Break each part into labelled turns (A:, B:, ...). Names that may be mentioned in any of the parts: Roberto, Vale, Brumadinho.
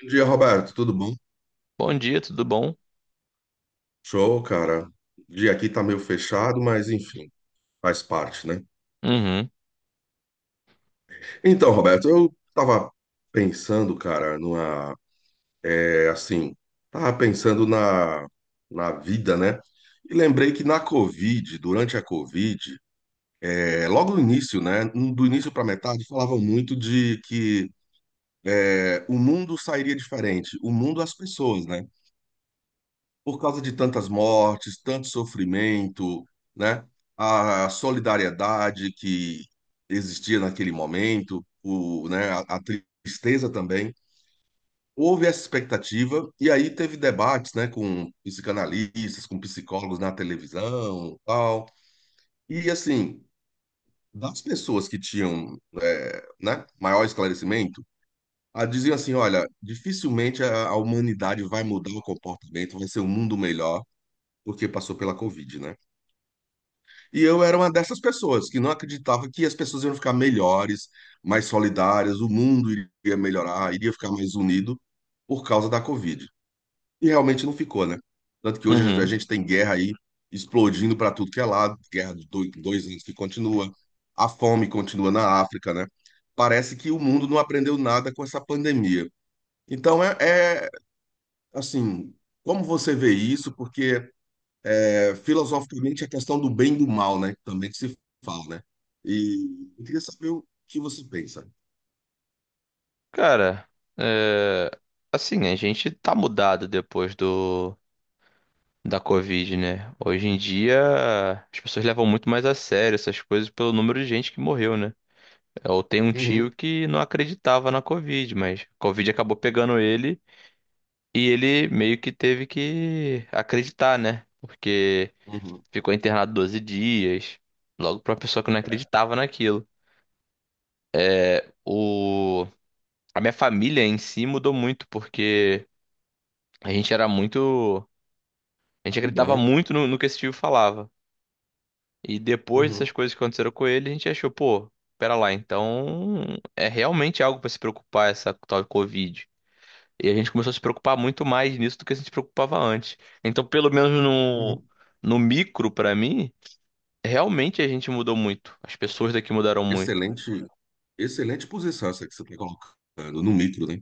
A: Bom dia, Roberto. Tudo bom?
B: Bom dia, tudo bom?
A: Show, cara. O dia aqui tá meio fechado, mas enfim, faz parte, né?
B: Uhum,
A: Então, Roberto, eu tava pensando, cara, numa, é assim, tava pensando na vida, né? E lembrei que na Covid, durante a Covid, logo no início, né? Do início pra metade, falavam muito de que o mundo sairia diferente, o mundo, as pessoas, né? Por causa de tantas mortes, tanto sofrimento, né? A solidariedade que existia naquele momento, né? A tristeza também. Houve essa expectativa e aí teve debates, né? Com psicanalistas, com psicólogos na televisão, tal. E assim, das pessoas que tinham, né? Maior esclarecimento diziam assim: olha, dificilmente a humanidade vai mudar o comportamento, vai ser um mundo melhor, porque passou pela Covid, né? E eu era uma dessas pessoas que não acreditava que as pessoas iam ficar melhores, mais solidárias, o mundo iria melhorar, iria ficar mais unido por causa da Covid. E realmente não ficou, né? Tanto que hoje a
B: uhum.
A: gente tem guerra aí explodindo para tudo que é lado, guerra de dois anos que continua, a fome continua na África, né? Parece que o mundo não aprendeu nada com essa pandemia. Então é assim, como você vê isso? Porque filosoficamente a questão do bem e do mal, né? Também que se fala, né? E eu queria saber o que você pensa.
B: Cara, é, assim, a gente tá mudado depois do da Covid, né? Hoje em dia, as pessoas levam muito mais a sério essas coisas pelo número de gente que morreu, né? Eu tenho um
A: Uhum,
B: tio que não acreditava na Covid, mas a Covid acabou pegando ele e ele meio que teve que acreditar, né? Porque
A: uhum.
B: ficou internado 12 dias, logo pra uma pessoa que não
A: É,
B: acreditava naquilo. O A minha família em si mudou muito, porque a gente era muito. A gente
A: e
B: acreditava
A: bom.
B: muito no que esse tio falava. E depois dessas
A: Uhum,
B: coisas que aconteceram com ele, a gente achou, pô, pera lá, então é realmente algo pra se preocupar essa tal de Covid. E a gente começou a se preocupar muito mais nisso do que a gente se preocupava antes. Então, pelo menos no,
A: uhum.
B: no micro, pra mim, realmente a gente mudou muito. As pessoas daqui mudaram muito.
A: Excelente, excelente posição essa que você está colocando no micro, né?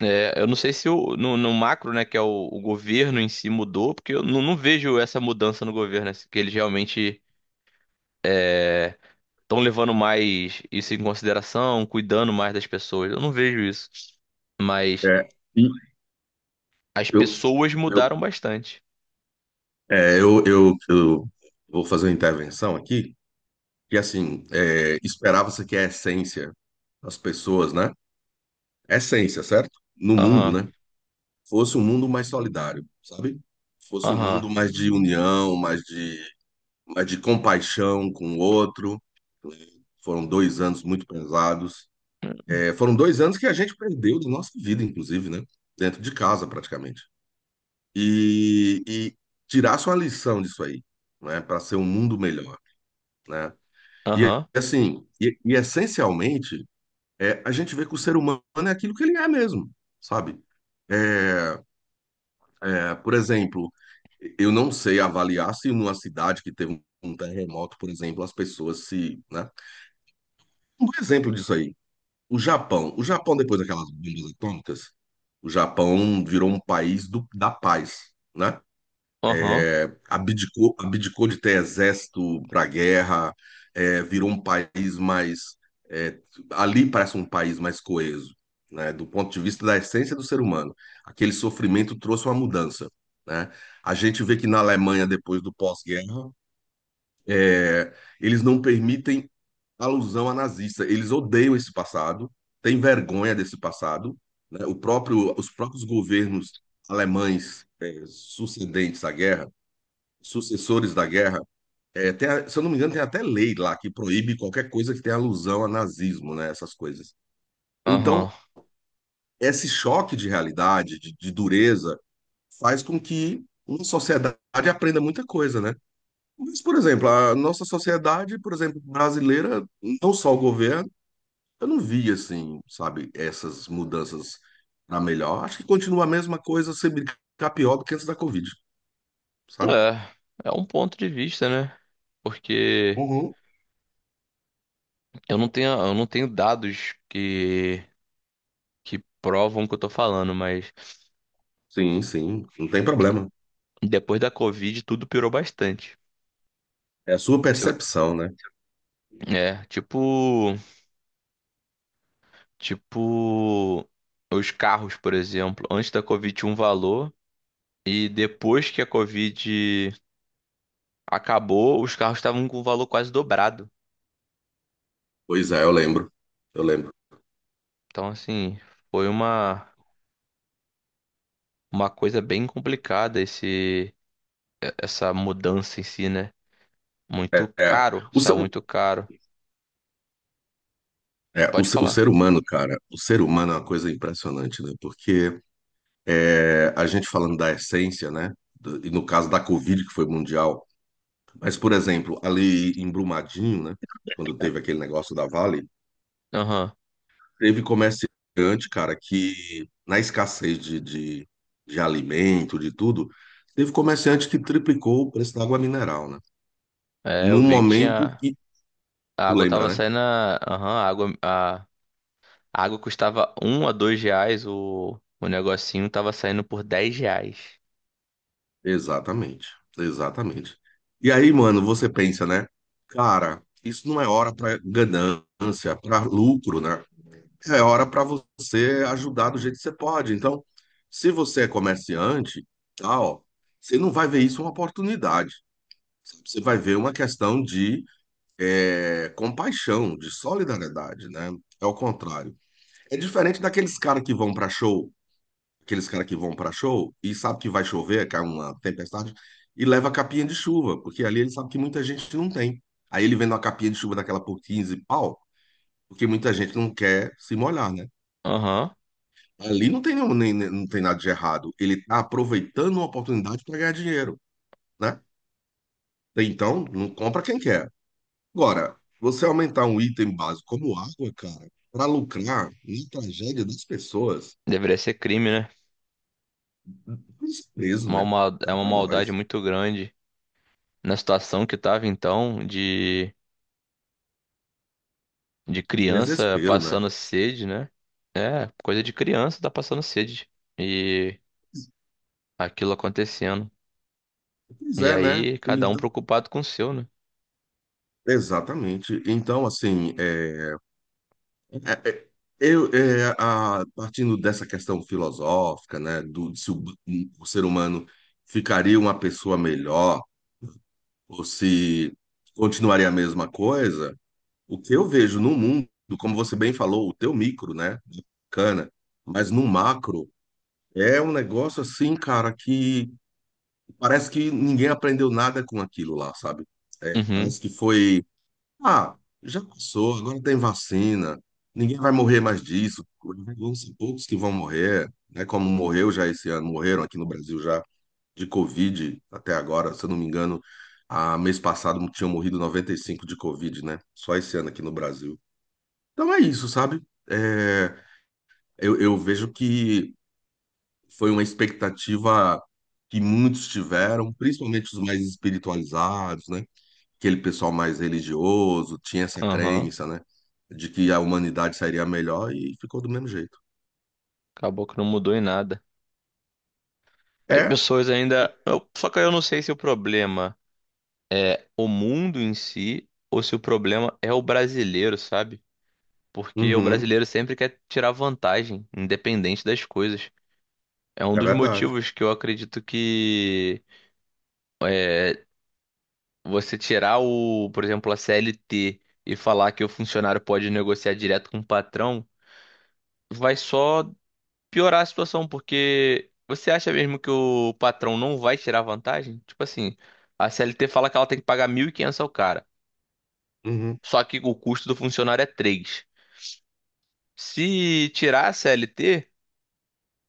B: É, eu não sei se o, no, no macro, né, que é o governo em si mudou, porque eu não vejo essa mudança no governo, né, que eles realmente estão levando mais isso em consideração, cuidando mais das pessoas. Eu não vejo isso. Mas
A: É, e
B: as
A: eu,
B: pessoas
A: eu,
B: mudaram bastante.
A: é, eu vou fazer uma intervenção aqui, que assim, esperava-se que a essência das pessoas, né? Essência, certo? No mundo,
B: Aham,
A: né? Fosse um mundo mais solidário, sabe? Fosse um
B: aham,
A: mundo mais de união, mais de compaixão com o outro. Foram 2 anos muito pesados. É, foram 2 anos que a gente perdeu de nossa vida, inclusive, né? Dentro de casa, praticamente. E tirasse uma lição disso aí, né? Para ser um mundo melhor, né? E
B: aham,
A: assim, e essencialmente, a gente vê que o ser humano é aquilo que ele é mesmo, sabe? É, por exemplo, eu não sei avaliar se numa cidade que teve um terremoto, por exemplo, as pessoas se, né? Um exemplo disso aí, o Japão. O Japão, depois daquelas bombas atômicas, o Japão virou um país do, da paz, né?
B: aham,
A: Abdicou, abdicou de ter exército para guerra, virou um país mais. é, ali parece um país mais coeso, né, do ponto de vista da essência do ser humano. Aquele sofrimento trouxe uma mudança. Né? A gente vê que na Alemanha, depois do pós-guerra, é, eles não permitem alusão a nazista, eles odeiam esse passado, têm vergonha desse passado. Né? O próprio, os próprios governos alemães, sucedentes à guerra sucessores da guerra, se eu não me engano, tem até lei lá que proíbe qualquer coisa que tenha alusão a nazismo, né? Essas coisas.
B: aham.
A: Então, esse choque de realidade, de dureza, faz com que uma sociedade aprenda muita coisa, né? Mas, por exemplo, a nossa sociedade, por exemplo, brasileira, não só o governo, eu não vi, assim, sabe, essas mudanças para melhor. Acho que continua a mesma coisa, se brincar pior do que antes da Covid, sabe?
B: É, é um ponto de vista, né? Porque
A: Uhum.
B: eu não tenho dados que provam o que eu tô falando, mas
A: Sim, sim, não tem problema.
B: depois da Covid, tudo piorou bastante.
A: É a sua
B: Se eu-
A: percepção, né?
B: É, tipo os carros, por exemplo. Antes da Covid tinha um valor e depois que a Covid acabou, os carros estavam com um valor quase dobrado.
A: Pois é, eu lembro. Eu lembro.
B: Então, assim, foi uma coisa bem complicada esse essa mudança em si, né? Muito
A: É,
B: caro,
A: o,
B: saiu
A: ser-
B: muito caro. Pode
A: o
B: falar.
A: ser humano, cara, o ser humano é uma coisa impressionante, né? Porque a gente falando da essência, né? E no caso da Covid, que foi mundial. Mas, por exemplo, ali em Brumadinho, né? Quando teve aquele negócio da Vale,
B: Aham.
A: teve comerciante, cara, que na escassez de alimento, de tudo, teve comerciante que triplicou o preço da água mineral, né?
B: É, eu
A: Num
B: vi que
A: momento
B: tinha
A: que,
B: a
A: tu
B: água
A: lembra,
B: tava
A: né?
B: saindo, aham, a água custava 1 a 2 reais, o negocinho tava saindo por 10 reais.
A: Exatamente, exatamente. E aí, mano, você pensa, né? Cara, isso não é hora para ganância, para lucro, né? É hora para você ajudar do jeito que você pode. Então, se você é comerciante, tá, ó, você não vai ver isso uma oportunidade. Você vai ver uma questão de compaixão, de solidariedade, né? É o contrário. É diferente daqueles caras que vão para show e sabe que vai chover, cai uma tempestade, e leva a capinha de chuva, porque ali ele sabe que muita gente não tem. Aí ele vende uma capinha de chuva daquela por 15 pau, porque muita gente não quer se molhar, né?
B: Aham.
A: Ali não tem, nenhum, nem, nem- não tem nada de errado. Ele está aproveitando uma oportunidade para ganhar dinheiro, né? Então, não compra quem quer. Agora, você aumentar um item básico como água, cara, para lucrar na tragédia das pessoas,
B: Deveria ser crime, né?
A: desprezo,
B: Uma
A: né?
B: mal- é
A: Cá
B: uma
A: para
B: maldade
A: nós.
B: muito grande. Na situação que tava então, de criança
A: Desespero, né?
B: passando sede, né? É, coisa de criança tá passando sede. E aquilo acontecendo.
A: Pois
B: E
A: é, né?
B: aí, cada um
A: Então,
B: preocupado com o seu, né?
A: exatamente. Então, assim, é- é- eu, a, partindo dessa questão filosófica, né, do, de, se o ser humano ficaria uma pessoa melhor ou se continuaria a mesma coisa, o que eu vejo no mundo, como você bem falou, o teu micro, né, bacana, mas no macro é um negócio assim, cara, que parece que ninguém aprendeu nada com aquilo lá, sabe? É,
B: Uhum,
A: parece que foi ah, já passou, agora tem vacina, ninguém vai morrer mais disso, vão ser poucos que vão morrer, né? Como morreu já esse ano, morreram aqui no Brasil já de Covid até agora, se eu não me engano, a mês passado tinham morrido 95 de Covid, né? Só esse ano aqui no Brasil. Então é isso, sabe? É, eu vejo que foi uma expectativa que muitos tiveram, principalmente os mais espiritualizados, né? Aquele pessoal mais religioso tinha essa
B: aham.
A: crença, né? De que a humanidade sairia melhor e ficou do mesmo jeito.
B: Acabou que não mudou em nada. As
A: É,
B: pessoas ainda. Só que eu não sei se o problema é o mundo em si ou se o problema é o brasileiro, sabe? Porque o
A: uhum,
B: brasileiro sempre quer tirar vantagem, independente das coisas. É um
A: é
B: dos
A: verdade.
B: motivos que eu acredito que é, você tirar por exemplo, a CLT e falar que o funcionário pode negociar direto com o patrão, vai só piorar a situação, porque você acha mesmo que o patrão não vai tirar vantagem? Tipo assim, a CLT fala que ela tem que pagar 1.500 ao cara,
A: Uhum,
B: só que o custo do funcionário é 3. Se tirar a CLT,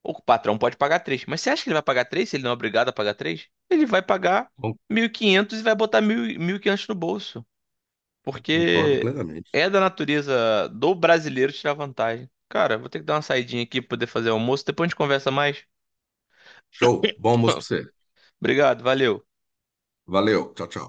B: o patrão pode pagar 3. Mas você acha que ele vai pagar 3, se ele não é obrigado a pagar 3. Ele vai pagar
A: con-
B: 1.500 e quinhentos e vai botar mil e quinhentos no bolso.
A: concordo
B: Porque
A: plenamente.
B: é da natureza do brasileiro tirar vantagem. Cara, vou ter que dar uma saidinha aqui pra poder fazer almoço. Depois a gente conversa mais.
A: Show, bom almoço pra você.
B: Obrigado, valeu.
A: Valeu, tchau, tchau.